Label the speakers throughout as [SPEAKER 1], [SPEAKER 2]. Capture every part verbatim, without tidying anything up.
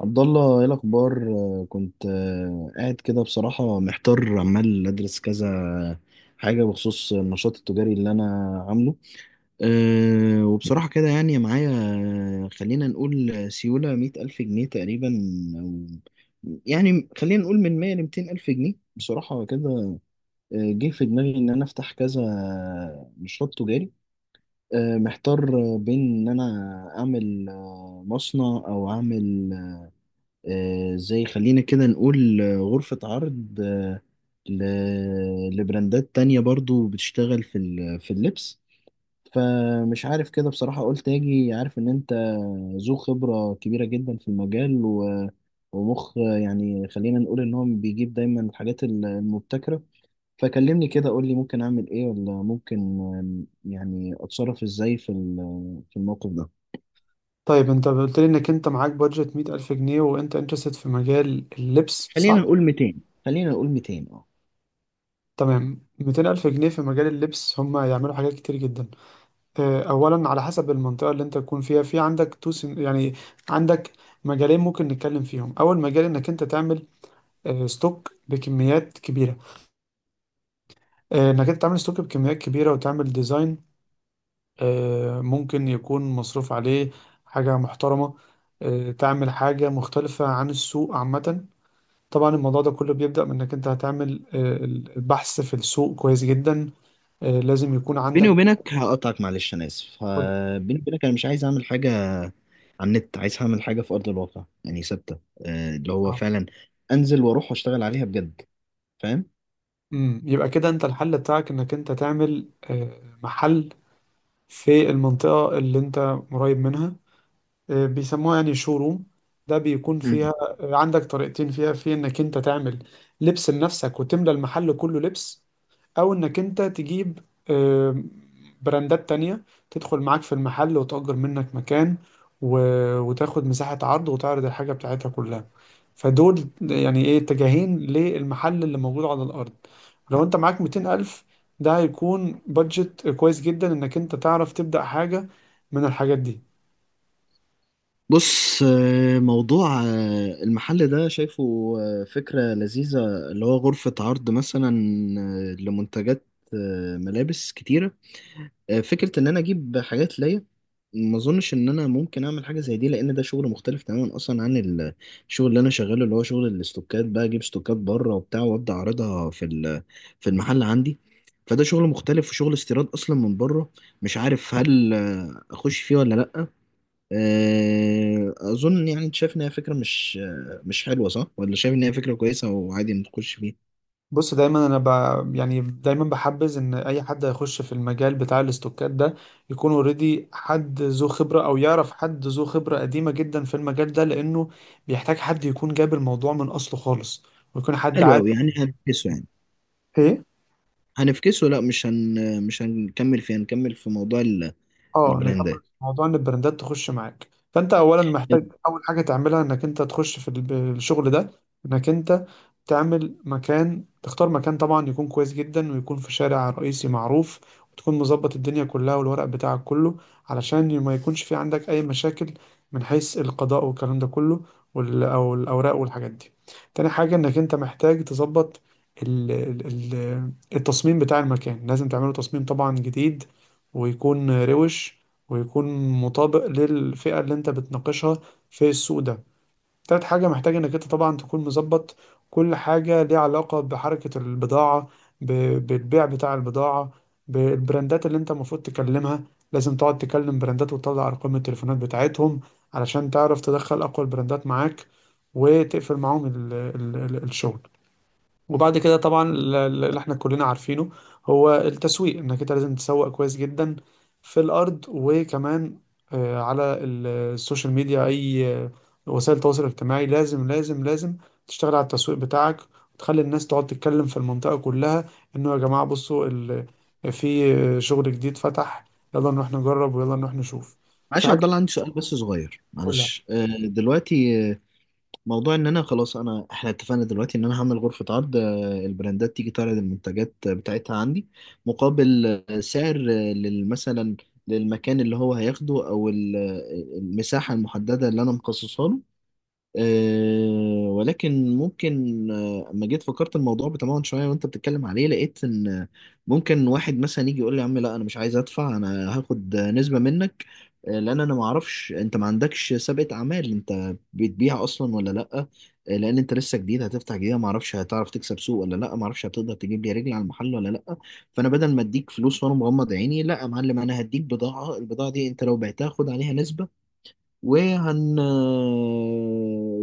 [SPEAKER 1] عبد الله ايه الاخبار. آه، كنت آه، قاعد كده بصراحه محتار عمال ادرس كذا حاجه بخصوص النشاط التجاري اللي انا عامله. أه وبصراحه كده يعني معايا آه، خلينا نقول سيوله مية الف جنيه تقريبا، او يعني خلينا نقول من مية لميتين الف جنيه بصراحه كده. آه، جه في دماغي ان انا افتح كذا نشاط تجاري. آه، محتار بين ان انا اعمل آه، مصنع او اعمل آه، زي خلينا كده نقول آه، غرفة عرض، آه، ل- لبراندات تانية برضو بتشتغل في ال- في اللبس. فمش عارف كده بصراحة قلت أجي عارف إن أنت ذو خبرة كبيرة جدا في المجال و- ومخ، يعني خلينا نقول إن هو بيجيب دايما الحاجات ال- المبتكرة. فكلمني كده قول لي ممكن أعمل إيه ولا ممكن آم، يعني أتصرف إزاي في ال- في الموقف ده.
[SPEAKER 2] طيب انت قلت لي انك انت معاك بادجت مية ألف جنيه وانت انترستد في مجال اللبس
[SPEAKER 1] خلينا
[SPEAKER 2] صح؟
[SPEAKER 1] نقول ميتين، خلينا نقول ميتين أه.
[SPEAKER 2] تمام ميتين ألف جنيه في مجال اللبس هم يعملوا حاجات كتير جدا. اه، اولا على حسب المنطقة اللي انت تكون فيها، في عندك تو سن... يعني عندك مجالين ممكن نتكلم فيهم. اول مجال انك انت تعمل اه، ستوك بكميات كبيرة. اه، انك انت تعمل ستوك بكميات كبيرة وتعمل ديزاين، اه، ممكن يكون مصروف عليه حاجة محترمة. اه، تعمل حاجة مختلفة عن السوق عامة. طبعا الموضوع ده كله بيبدأ من انك انت هتعمل آه، البحث في السوق كويس جدا. آه، لازم يكون
[SPEAKER 1] بيني
[SPEAKER 2] عندك
[SPEAKER 1] وبينك هقطعك، معلش انا اسف،
[SPEAKER 2] كل.
[SPEAKER 1] ه- بيني وبينك انا مش عايز اعمل حاجه على النت، عايز اعمل حاجه في ارض الواقع يعني ثابته، آه، اللي هو فعلا انزل واروح واشتغل عليها بجد، فاهم.
[SPEAKER 2] امم يبقى كده انت الحل بتاعك انك انت تعمل آه، محل في المنطقة اللي انت قريب منها. آه، بيسموها يعني شوروم. ده بيكون فيها
[SPEAKER 1] مم.
[SPEAKER 2] آه، عندك طريقتين فيها: في انك انت تعمل لبس لنفسك وتملى المحل كله لبس، او انك انت تجيب آه، براندات تانية تدخل معاك في المحل وتأجر منك مكان و... وتاخد مساحة عرض وتعرض الحاجة بتاعتها كلها. فدول يعني ايه اتجاهين للمحل اللي موجود على الأرض. لو انت معاك مئتين ألف ده هيكون بادجت كويس جدا انك انت تعرف تبدأ حاجة من الحاجات دي.
[SPEAKER 1] بص، آه، موضوع آه، المحل ده شايفه آه، فكرة لذيذة، اللي هو غرفة عرض مثلا آه، لمنتجات آه، ملابس كتيرة. آه، فكرة إن أنا أجيب حاجات ليا، ما أظنش إن أنا ممكن أعمل حاجة زي دي، لأن ده شغل مختلف تماما أصلا عن الشغل اللي أنا شغاله، اللي هو شغل الاستوكات، بقى أجيب استوكات بره وبتاع وأبدأ أعرضها في ال- آه، في المحل عندي. فده شغل مختلف وشغل استيراد أصلا من بره. مش عارف هل آه، أخش فيه ولا لأ. آه، أظن يعني أنت شايف إن هي فكرة مش آه، مش حلوة، صح، ولا شايف إن هي فكرة كويسة وعادي نخش فيه؟
[SPEAKER 2] بص دايما انا ب... يعني دايما بحبذ ان اي حد هيخش في المجال بتاع الاستوكات ده يكون اوريدي حد ذو خبره، او يعرف حد ذو خبره قديمه جدا في المجال ده، لانه بيحتاج حد يكون جاب الموضوع من اصله خالص، ويكون حد
[SPEAKER 1] حلو
[SPEAKER 2] عارف.
[SPEAKER 1] أوي، يعني هنفكسه يعني.
[SPEAKER 2] إيه؟
[SPEAKER 1] هنفكسه؟ لا، مش هن آه، مش هنكمل فيه، هنكمل في موضوع
[SPEAKER 2] اه، نكمل
[SPEAKER 1] البراندات.
[SPEAKER 2] في موضوع ان البراندات تخش معاك. فانت اولا محتاج اول حاجه تعملها انك انت تخش في الب- الشغل ده، انك انت تعمل مكان، تختار مكان طبعا يكون كويس جدا ويكون في شارع رئيسي معروف، وتكون مظبط الدنيا كلها والورق بتاعك كله علشان ما يكونش في عندك اي مشاكل من حيث القضاء والكلام ده كله، وال- او الاوراق والحاجات دي. تاني حاجه انك انت محتاج تظبط ال- ال- ال- التصميم بتاع المكان. لازم تعمله تصميم طبعا جديد ويكون روش ويكون مطابق للفئة اللي انت بتناقشها في السوق ده. تالت حاجة محتاج انك انت طبعا تكون مظبط كل حاجة ليها علاقة بحركة البضاعة، ب- بالبيع بتاع البضاعة، بالبراندات اللي انت المفروض تكلمها. لازم تقعد تكلم براندات وتطلع ارقام التليفونات بتاعتهم علشان تعرف تدخل اقوى البراندات معاك، وتقفل معاهم ال ال ال الشغل. وبعد كده طبعا ال- ال- اللي احنا كلنا عارفينه هو التسويق. انك انت لازم تسوق كويس جدا في الارض، وكمان آه، على ال- السوشيال ميديا، اي آه، وسائل التواصل الاجتماعي. لازم لازم لازم تشتغل على التسويق بتاعك، وتخلي الناس تقعد تتكلم في المنطقة كلها انه يا جماعة بصوا ال- في آه، شغل جديد فتح، يلا نروح نجرب ويلا نروح نشوف.
[SPEAKER 1] معلش
[SPEAKER 2] في
[SPEAKER 1] يا
[SPEAKER 2] حاجة
[SPEAKER 1] عبد الله عندي سؤال بس صغير، معلش، آه، دلوقتي آه، موضوع ان انا خلاص، انا احنا اتفقنا دلوقتي ان انا هعمل غرفة عرض، آه، البراندات تيجي تعرض المنتجات آه، بتاعتها عندي مقابل آه، سعر آه، لل- مثلا للمكان اللي هو هياخده او ال- آه، المساحة المحددة اللي انا مخصصها له. أه، ولكن ممكن آه، اما جيت فكرت الموضوع بتمعن شويه وانت بتتكلم عليه لقيت ان آه، ممكن واحد مثلا يجي يقول لي يا عم لا انا مش عايز ادفع، انا هاخد آه، نسبه منك، آه، لان انا ما اعرفش انت ما عندكش سابقه اعمال، انت بتبيع اصلا ولا لا، آه، لان انت لسه جديد هتفتح جديده، ما اعرفش هتعرف تكسب سوق ولا لا، ما اعرفش هتقدر تجيب لي رجل على المحل ولا لا. فانا بدل ما اديك فلوس وانا مغمض عيني، لا يا معلم انا هديك بضاعه، البضاعه دي انت لو بعتها خد عليها نسبه وهن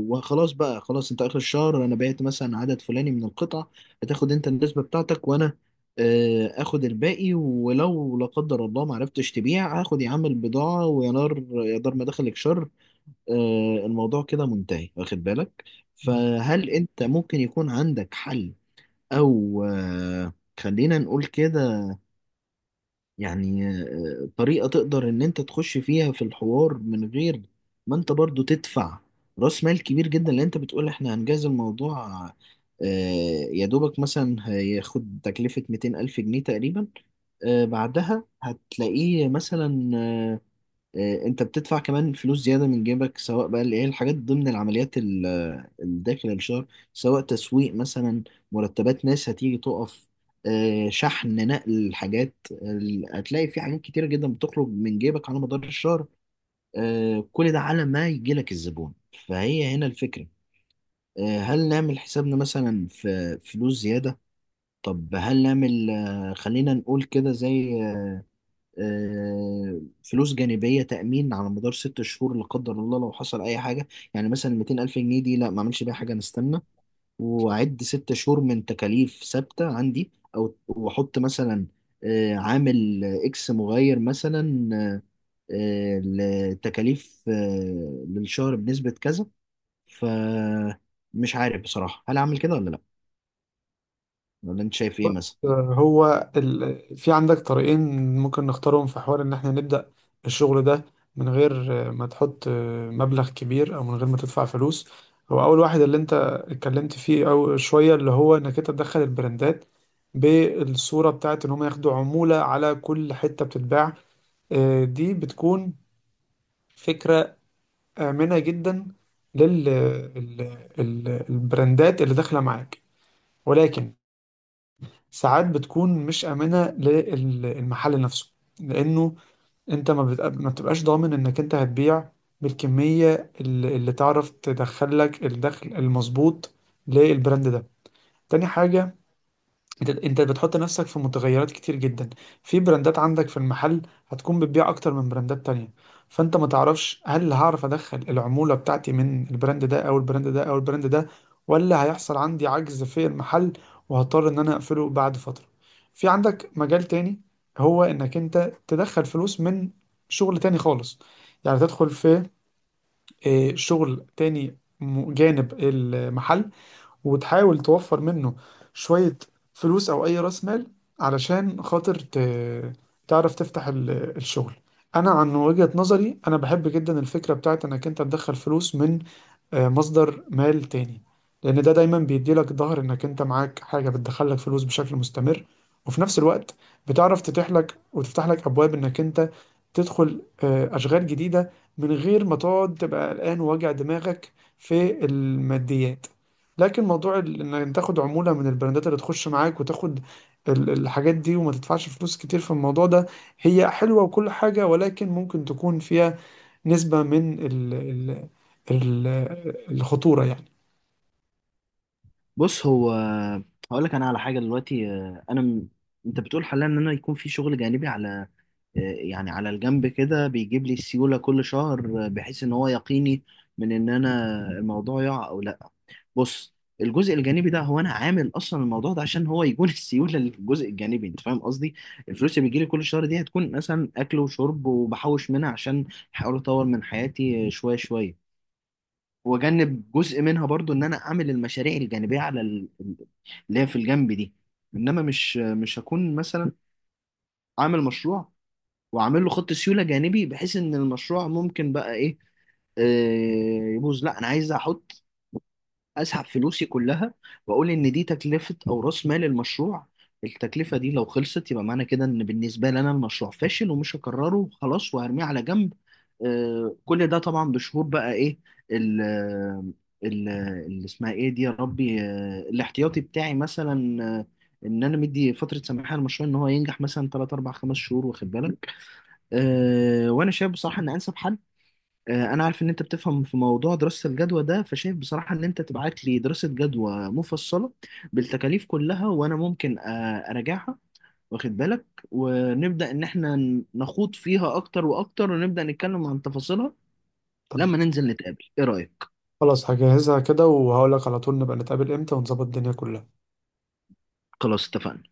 [SPEAKER 1] وخلاص بقى. خلاص انت اخر الشهر انا بعت مثلا عدد فلاني من القطع، هتاخد انت النسبة بتاعتك وانا آه، اخد الباقي، ولو لا قدر الله ما عرفتش تبيع هاخد يا عم البضاعة ويا نار يا دار ما دخلك شر. آه، الموضوع كده منتهي، واخد بالك.
[SPEAKER 2] كلها.
[SPEAKER 1] فهل انت ممكن يكون عندك حل؟ او آه، خلينا نقول كده، يعني آه، طريقة تقدر ان انت تخش فيها في الحوار من غير ما انت برضو تدفع راس مال كبير جدا، لان انت بتقول احنا هنجاز الموضوع آه، يا دوبك مثلا هياخد تكلفة ميتين ألف جنيه تقريبا. آه، بعدها هتلاقيه مثلا آه، آه، انت بتدفع كمان فلوس زياده من جيبك سواء بقى اللي هي الحاجات ضمن العمليات ال- ال- داخل الشهر، سواء تسويق مثلا، مرتبات ناس هتيجي تقف، آه، شحن، نقل، حاجات ال- هتلاقي في حاجات كتيره جدا بتخرج من جيبك على مدار الشهر، آه، كل ده على ما يجي لك الزبون. فهي هنا الفكره، آه، هل نعمل حسابنا مثلا في فلوس زياده؟ طب هل نعمل آه، خلينا نقول كده زي آه، فلوس جانبية تأمين على مدار ست شهور لا قدر الله لو حصل أي حاجة؟ يعني مثلا ميتين ألف جنيه دي لا ما أعملش بيها حاجة، أنا أستنى وأعد ست شهور من تكاليف ثابتة عندي، أو وأحط مثلا آه، عامل إكس مغير مثلا آه، آه، لتكاليف آه، للشهر بنسبة كذا. فمش عارف بصراحة هل أعمل كده ولا لأ، ولا أنت شايف إيه
[SPEAKER 2] بص
[SPEAKER 1] مثلا.
[SPEAKER 2] هو ال... في عندك طريقين ممكن نختارهم في حوار ان احنا نبدأ الشغل ده من غير ما تحط مبلغ كبير، او من غير ما تدفع فلوس. هو اول واحد اللي انت اتكلمت فيه او شوية، اللي هو انك انت تدخل البراندات بالصورة بتاعت ان هم ياخدوا عمولة على كل حتة بتتباع. آه، دي بتكون فكرة آمنة جدا لل ال- ال- البراندات اللي داخلة معاك، ولكن ساعات بتكون مش آمنة للمحل نفسه، لأنه أنت ما, بت... ما بتبقاش ضامن إنك أنت هتبيع بالكمية اللي, اللي تعرف تدخلك الدخل المظبوط للبراند ده. تاني حاجة، انت انت بتحط نفسك في متغيرات كتير جدا. في براندات عندك في المحل هتكون بتبيع اكتر من براندات تانية، فانت ما تعرفش هل هعرف ادخل العمولة بتاعتي من البراند ده او البراند ده او البراند ده، ولا هيحصل عندي عجز في المحل وهضطر ان انا اقفله بعد فترة. في عندك مجال تاني، هو انك انت تدخل فلوس من شغل تاني خالص. يعني تدخل في اه، شغل تاني م- جانب المحل، وتحاول توفر منه شوية فلوس أو أي رأس مال علشان خاطر ت... تعرف تفتح ال- الشغل. أنا عن وجهة نظري أنا بحب جدا الفكرة بتاعت إنك أنت تدخل فلوس من آه، مصدر مال تاني، لأن ده دايما بيديلك ظهر إنك أنت معاك حاجة بتدخلك فلوس بشكل مستمر، وفي نفس الوقت بتعرف تتيح لك وتفتح لك أبواب إنك أنت تدخل آه، أشغال جديدة من غير ما تقعد تبقى قلقان وواجع دماغك في الماديات. لكن موضوع ال- إنك تاخد عمولة من البراندات اللي تخش معاك وتاخد ال- الحاجات دي وما تدفعش فلوس كتير في الموضوع ده، هي حلوة وكل حاجة، ولكن ممكن تكون فيها نسبة من ال- الخطورة يعني.
[SPEAKER 1] بص هو، هقول لك انا على حاجه دلوقتي، آه، انا م... انت بتقول حاليا ان انا يكون في شغل جانبي على آه، يعني على الجنب كده بيجيب لي سيوله كل شهر، آه، بحيث ان هو يقيني من ان انا الموضوع يقع او لا. بص، الجزء الجانبي ده هو انا عامل اصلا الموضوع ده عشان هو يكون السيوله اللي في الجزء الجانبي، انت فاهم قصدي، الفلوس اللي بيجي لي كل شهر دي هتكون مثلا اكل وشرب وبحوش منها عشان احاول اطور من حياتي آه، شويه شويه، واجنب جزء منها برضو ان انا اعمل المشاريع الجانبيه على ال- ال- اللي هي في الجنب دي. انما مش مش هكون مثلا عامل مشروع وعامل له خط سيوله جانبي بحيث ان المشروع ممكن بقى ايه، آه، يبوظ. لا انا عايز احط، اسحب فلوسي كلها واقول ان دي تكلفه او راس مال المشروع، التكلفه دي لو خلصت يبقى معنى كده ان بالنسبه لي انا المشروع فاشل ومش هكرره وخلاص وهرميه على جنب. آه، كل ده طبعا بشهور بقى ايه ال ال اللي اسمها ايه دي يا ربي، آه، الاحتياطي بتاعي مثلا، آه، ان انا مدي فتره سماح للمشروع ان هو ينجح مثلا تلاتة اربعة خمسة شهور، واخد بالك. آه، وانا شايف بصراحه ان انسب حل، آه، انا عارف ان انت بتفهم في موضوع دراسة الجدوى ده، فشايف بصراحة ان انت تبعت لي دراسة جدوى مفصلة بالتكاليف كلها، وانا ممكن آه، اراجعها، واخد بالك، ونبدأ ان احنا ن- نخوض فيها اكتر واكتر، ونبدأ نتكلم عن تفاصيلها لما
[SPEAKER 2] تمام،
[SPEAKER 1] ننزل نتقابل. ايه رأيك؟
[SPEAKER 2] خلاص هجهزها كده وهقولك على طول نبقى نتقابل امتى ونظبط الدنيا كلها.
[SPEAKER 1] خلاص اتفقنا.